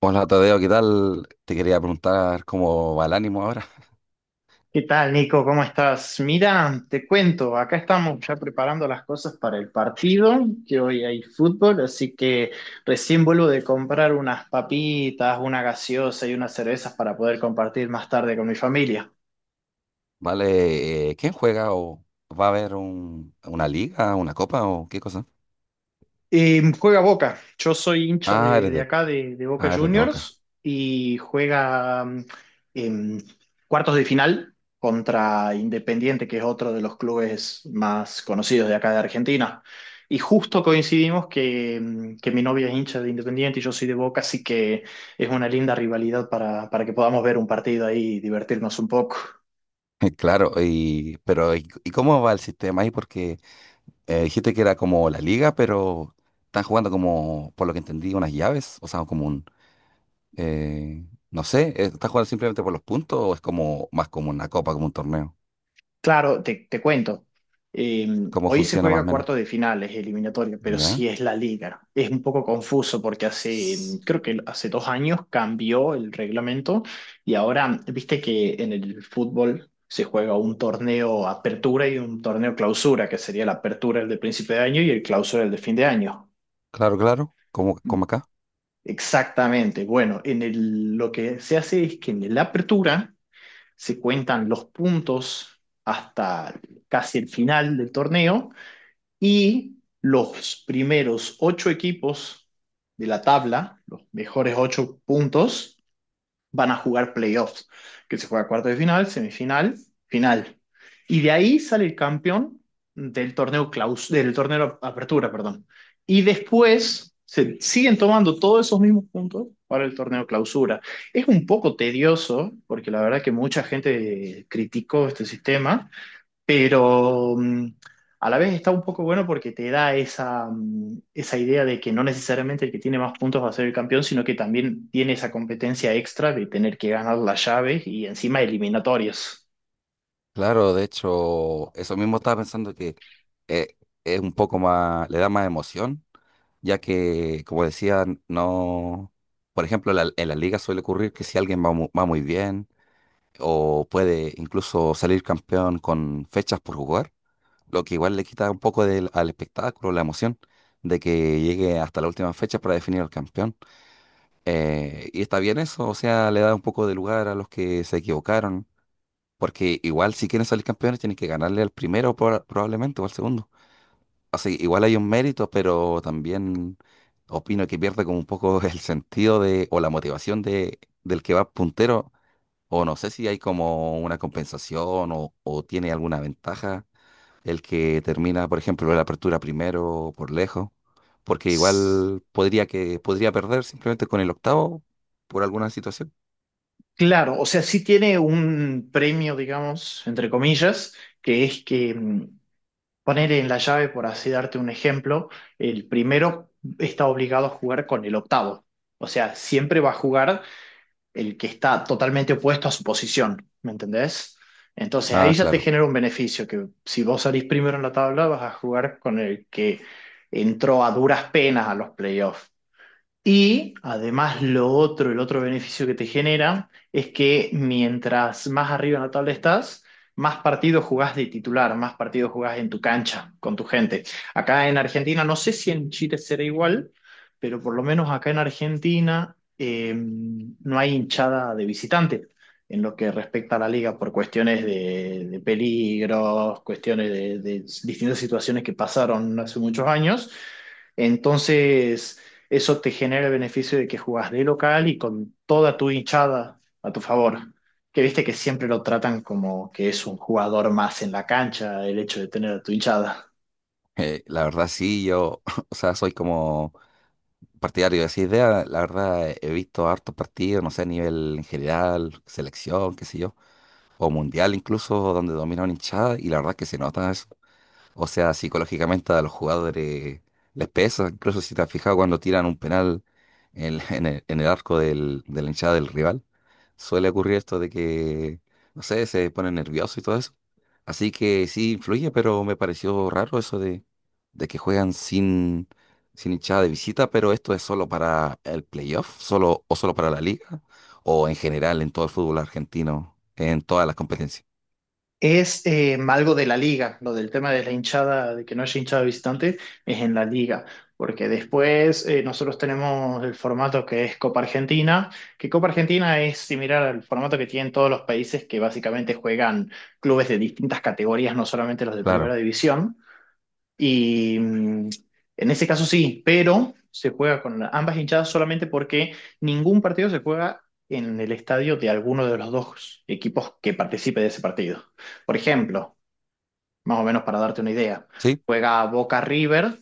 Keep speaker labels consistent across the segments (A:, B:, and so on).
A: Hola Tadeo, ¿qué tal? Te quería preguntar cómo va el ánimo ahora.
B: ¿Qué tal, Nico? ¿Cómo estás? Mira, te cuento, acá estamos ya preparando las cosas para el partido, que hoy hay fútbol, así que recién vuelvo de comprar unas papitas, una gaseosa y unas cervezas para poder compartir más tarde con mi familia.
A: ¿Vale? ¿Quién juega o va a haber una liga, una copa o qué cosa?
B: Juega Boca. Yo soy hincha
A: Ah,
B: de,
A: eres
B: de
A: de,
B: acá, de Boca
A: ah, eres de Boca.
B: Juniors, y juega en cuartos de final contra Independiente, que es otro de los clubes más conocidos de acá de Argentina. Y justo coincidimos que mi novia es hincha de Independiente y yo soy de Boca, así que es una linda rivalidad para que podamos ver un partido ahí y divertirnos un poco.
A: Claro, pero y cómo va el sistema ahí? Porque dijiste que era como la liga, pero están jugando como, por lo que entendí, unas llaves, o sea, como eh, no sé, ¿están jugando simplemente por los puntos o es como más como una copa, como un torneo?
B: Claro, te cuento. Eh,
A: ¿Cómo
B: Hoy se
A: funciona más o
B: juega
A: menos?
B: cuarto de final, es eliminatoria, pero
A: ¿Ya?
B: sí es la liga. Es un poco confuso porque creo que hace 2 años cambió el reglamento y ahora, viste que en el fútbol se juega un torneo apertura y un torneo clausura, que sería la apertura el de principio de año y el clausura el de fin de año.
A: Claro, claro, como, como acá.
B: Exactamente. Bueno, en el, lo que se hace es que en la apertura se cuentan los puntos hasta casi el final del torneo y los primeros 8 equipos de la tabla, los mejores 8 puntos, van a jugar playoffs, que se juega cuarto de final, semifinal, final. Y de ahí sale el campeón del torneo apertura, perdón. Y después se siguen tomando todos esos mismos puntos para el torneo clausura. Es un poco tedioso, porque la verdad que mucha gente criticó este sistema, pero a la vez está un poco bueno porque te da esa idea de que no necesariamente el que tiene más puntos va a ser el campeón, sino que también tiene esa competencia extra de tener que ganar las llaves y encima eliminatorias.
A: Claro, de hecho, eso mismo estaba pensando que eh, es un poco más, le da más emoción, ya que, como decía, no, por ejemplo, en la liga suele ocurrir que si alguien va, va muy bien o puede incluso salir campeón con fechas por jugar, lo que igual le quita un poco del, al espectáculo, la emoción de que llegue hasta la última fecha para definir al campeón. Y está bien eso, o sea, le da un poco de lugar a los que se equivocaron. Porque igual si quieren salir campeones tienen que ganarle al primero probablemente o al segundo. O sea, igual hay un mérito, pero también opino que pierde como un poco el sentido de, o la motivación de, del que va puntero. O no sé si hay como una compensación o tiene alguna ventaja el que termina, por ejemplo, la apertura primero por lejos. Porque
B: S-
A: igual podría perder simplemente con el octavo por alguna situación.
B: Claro, o sea, sí tiene un premio, digamos, entre comillas, que es que poner en la llave, por así darte un ejemplo, el primero está obligado a jugar con el octavo. O sea, siempre va a jugar el que está totalmente opuesto a su posición, ¿me entendés? Entonces
A: Ah,
B: ahí ya te
A: claro.
B: genera un beneficio, que si vos salís primero en la tabla vas a jugar con el que entró a duras penas a los playoffs. Y además lo otro, el otro beneficio que te genera es que mientras más arriba en la tabla estás, más partidos jugás de titular, más partidos jugás en tu cancha, con tu gente. Acá en Argentina, no sé si en Chile será igual, pero por lo menos acá en Argentina no hay hinchada de visitante en lo que respecta a la liga por cuestiones de peligros, cuestiones de distintas situaciones que pasaron hace muchos años. Entonces eso te genera el beneficio de que jugás de local y con toda tu hinchada a tu favor. Que viste que siempre lo tratan como que es un jugador más en la cancha el hecho de tener a tu hinchada.
A: La verdad sí, yo, o sea, soy como partidario de esa idea, la verdad he visto hartos partidos, no sé, a nivel en general, selección, qué sé yo, o mundial incluso, donde domina una hinchada, y la verdad que se nota eso. O sea, psicológicamente a los jugadores les pesa. Incluso si te has fijado cuando tiran un penal en el arco del, de la hinchada del rival, suele ocurrir esto de que, no sé, se ponen nerviosos y todo eso. Así que sí influye, pero me pareció raro eso de que juegan sin hinchada de visita, pero esto es solo para el playoff, solo, o solo para la liga, o en general en todo el fútbol argentino, en todas las competencias.
B: Es algo de la liga, lo del tema de la hinchada, de que no haya hinchada visitante, es en la liga. Porque después nosotros tenemos el formato que es Copa Argentina, que Copa Argentina es similar al formato que tienen todos los países que básicamente juegan clubes de distintas categorías, no solamente los de primera
A: Claro.
B: división. Y en ese caso sí, pero se juega con ambas hinchadas solamente porque ningún partido se juega en el estadio de alguno de los dos equipos que participe de ese partido. Por ejemplo, más o menos para darte una idea,
A: ¿Sí?
B: juega Boca River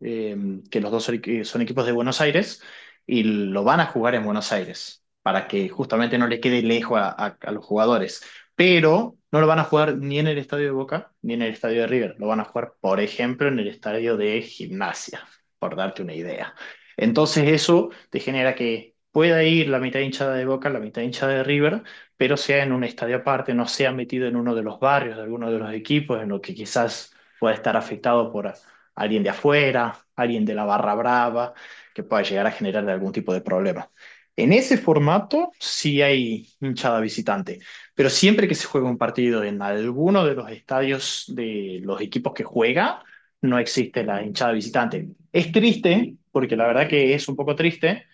B: eh, que los dos son, son equipos de Buenos Aires, y lo van a jugar en Buenos Aires, para que justamente no le quede lejos a los jugadores. Pero no lo van a jugar ni en el estadio de Boca, ni en el estadio de River. Lo van a jugar, por ejemplo, en el estadio de Gimnasia, por darte una idea. Entonces eso te genera que pueda ir la mitad hinchada de Boca, la mitad hinchada de River, pero sea en un estadio aparte, no sea metido en uno de los barrios de alguno de los equipos, en lo que quizás pueda estar afectado por alguien de afuera, alguien de la barra brava, que pueda llegar a generar algún tipo de problema. En ese formato sí hay hinchada visitante, pero siempre que se juega un partido en alguno de los estadios de los equipos que juega, no existe la hinchada visitante. Es triste, porque la verdad que es un poco triste,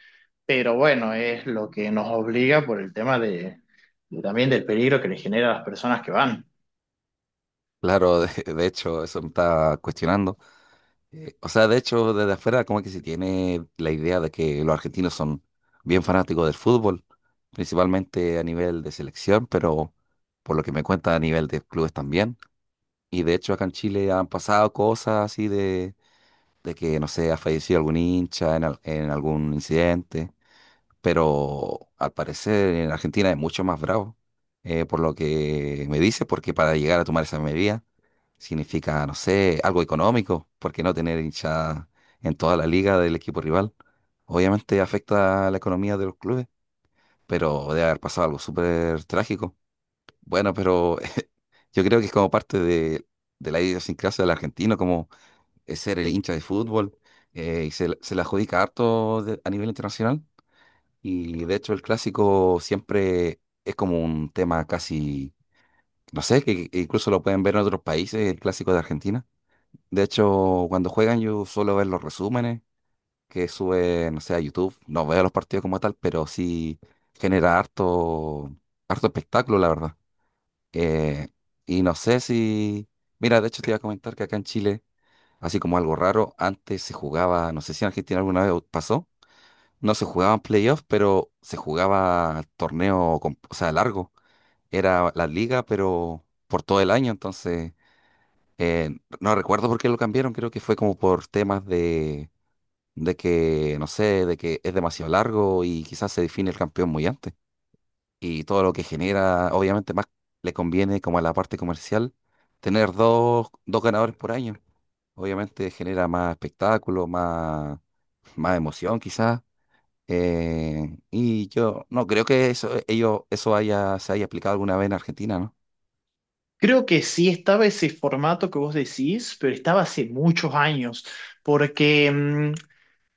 B: pero bueno, es lo que nos obliga por el tema de también del peligro que le genera a las personas que van.
A: Claro, de hecho, eso me estaba cuestionando. O sea, de hecho, desde afuera como que se tiene la idea de que los argentinos son bien fanáticos del fútbol, principalmente a nivel de selección, pero por lo que me cuenta a nivel de clubes también. Y de hecho acá en Chile han pasado cosas así de que, no sé, ha fallecido algún hincha en, en algún incidente, pero al parecer en Argentina es mucho más bravo, por lo que me dice, porque para llegar a tomar esa medida significa, no sé, algo económico, porque no tener hinchada en toda la liga del equipo rival, obviamente afecta a la economía de los clubes, pero debe haber pasado algo súper trágico. Bueno, pero yo creo que es como parte de la idiosincrasia del argentino, como es ser el hincha de fútbol, y se, se la adjudica harto a nivel internacional, y de hecho el clásico siempre es como un tema casi, no sé, que incluso lo pueden ver en otros países, el clásico de Argentina. De hecho, cuando juegan yo suelo ver los resúmenes que sube, no sé, a YouTube. No veo los partidos como tal, pero sí genera harto, harto espectáculo, la verdad. Eh, y no sé si... Mira, de hecho te iba a comentar que acá en Chile, así como algo raro, antes se jugaba, no sé si en Argentina alguna vez pasó, no se jugaban playoffs, pero se jugaba torneo, o sea, largo. Era la liga, pero por todo el año. Entonces, no recuerdo por qué lo cambiaron. Creo que fue como por temas de que, no sé, de que es demasiado largo y quizás se define el campeón muy antes. Y todo lo que genera, obviamente, más le conviene como a la parte comercial tener dos ganadores por año. Obviamente genera más espectáculo, más, más emoción quizás. Y yo no creo que eso, ellos, eso haya, se haya aplicado alguna vez en Argentina, ¿no?
B: Creo que sí estaba ese formato que vos decís, pero estaba hace muchos años, porque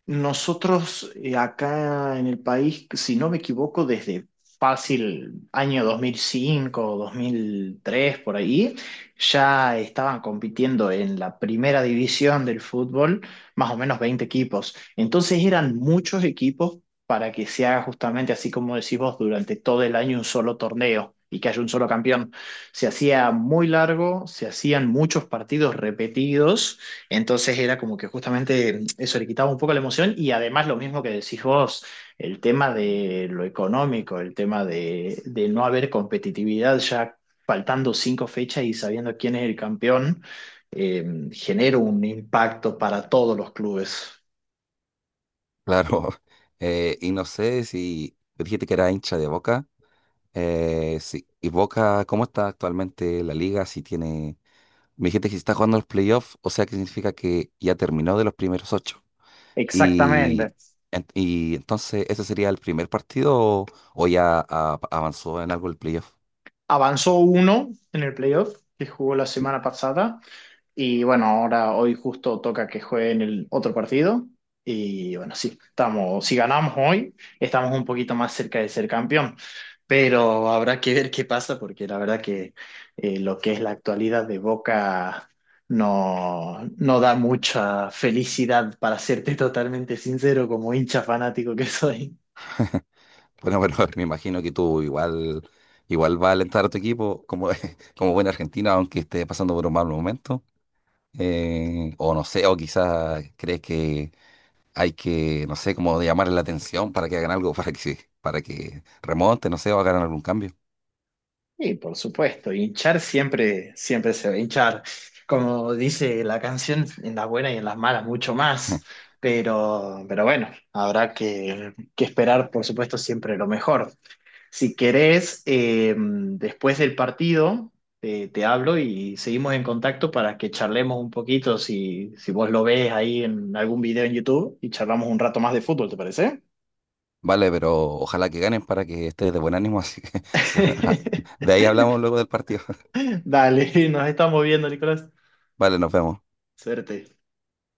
B: nosotros acá en el país, si no me equivoco, desde fácil año dos mil cinco, 2003 por ahí, ya estaban compitiendo en la primera división del fútbol, más o menos 20 equipos. Entonces eran muchos equipos para que se haga justamente así como decís vos, durante todo el año un solo torneo y que haya un solo campeón. Se hacía muy largo, se hacían muchos partidos repetidos. Entonces era como que justamente eso le quitaba un poco la emoción y además lo mismo que decís vos, el tema de lo económico, el tema de no haber competitividad ya faltando 5 fechas y sabiendo quién es el campeón, genera un impacto para todos los clubes.
A: Claro. Y no sé si tú dijiste que era hincha de Boca. Eh, sí. ¿Y Boca, cómo está actualmente la liga? Si tiene. Me dijiste que si está jugando los playoffs, o sea que significa que ya terminó de los primeros ocho. Y,
B: Exactamente.
A: y entonces, ¿ese sería el primer partido o ya avanzó en algo el playoff?
B: Avanzó uno en el playoff que jugó la semana pasada. Y bueno, ahora hoy justo toca que jueguen el otro partido. Y bueno, sí, estamos, si ganamos hoy, estamos un poquito más cerca de ser campeón. Pero habrá que ver qué pasa, porque la verdad que lo que es la actualidad de Boca no, no da mucha felicidad, para serte totalmente sincero, como hincha fanático que soy.
A: Bueno, bueno, me imagino que tú igual, igual vas a alentar a tu equipo como, como buen argentino, aunque esté pasando por un mal momento. O no sé, o quizás crees que hay que, no sé, como llamar la atención para que hagan algo, para que, para que remonte, no sé, o hagan algún cambio.
B: Y por supuesto, hinchar siempre, siempre se va a hinchar. Como dice la canción, en las buenas y en las malas mucho más. Pero bueno, habrá que esperar, por supuesto, siempre lo mejor. Si querés, después del partido, te hablo y seguimos en contacto para que charlemos un poquito, si vos lo ves ahí en algún video en YouTube, y charlamos un rato más de fútbol, ¿te parece?
A: Vale, pero ojalá que ganen para que estés de buen ánimo. Así que, bueno, de ahí hablamos luego del partido.
B: Dale, nos estamos viendo, Nicolás.
A: Vale, nos vemos.
B: Suerte.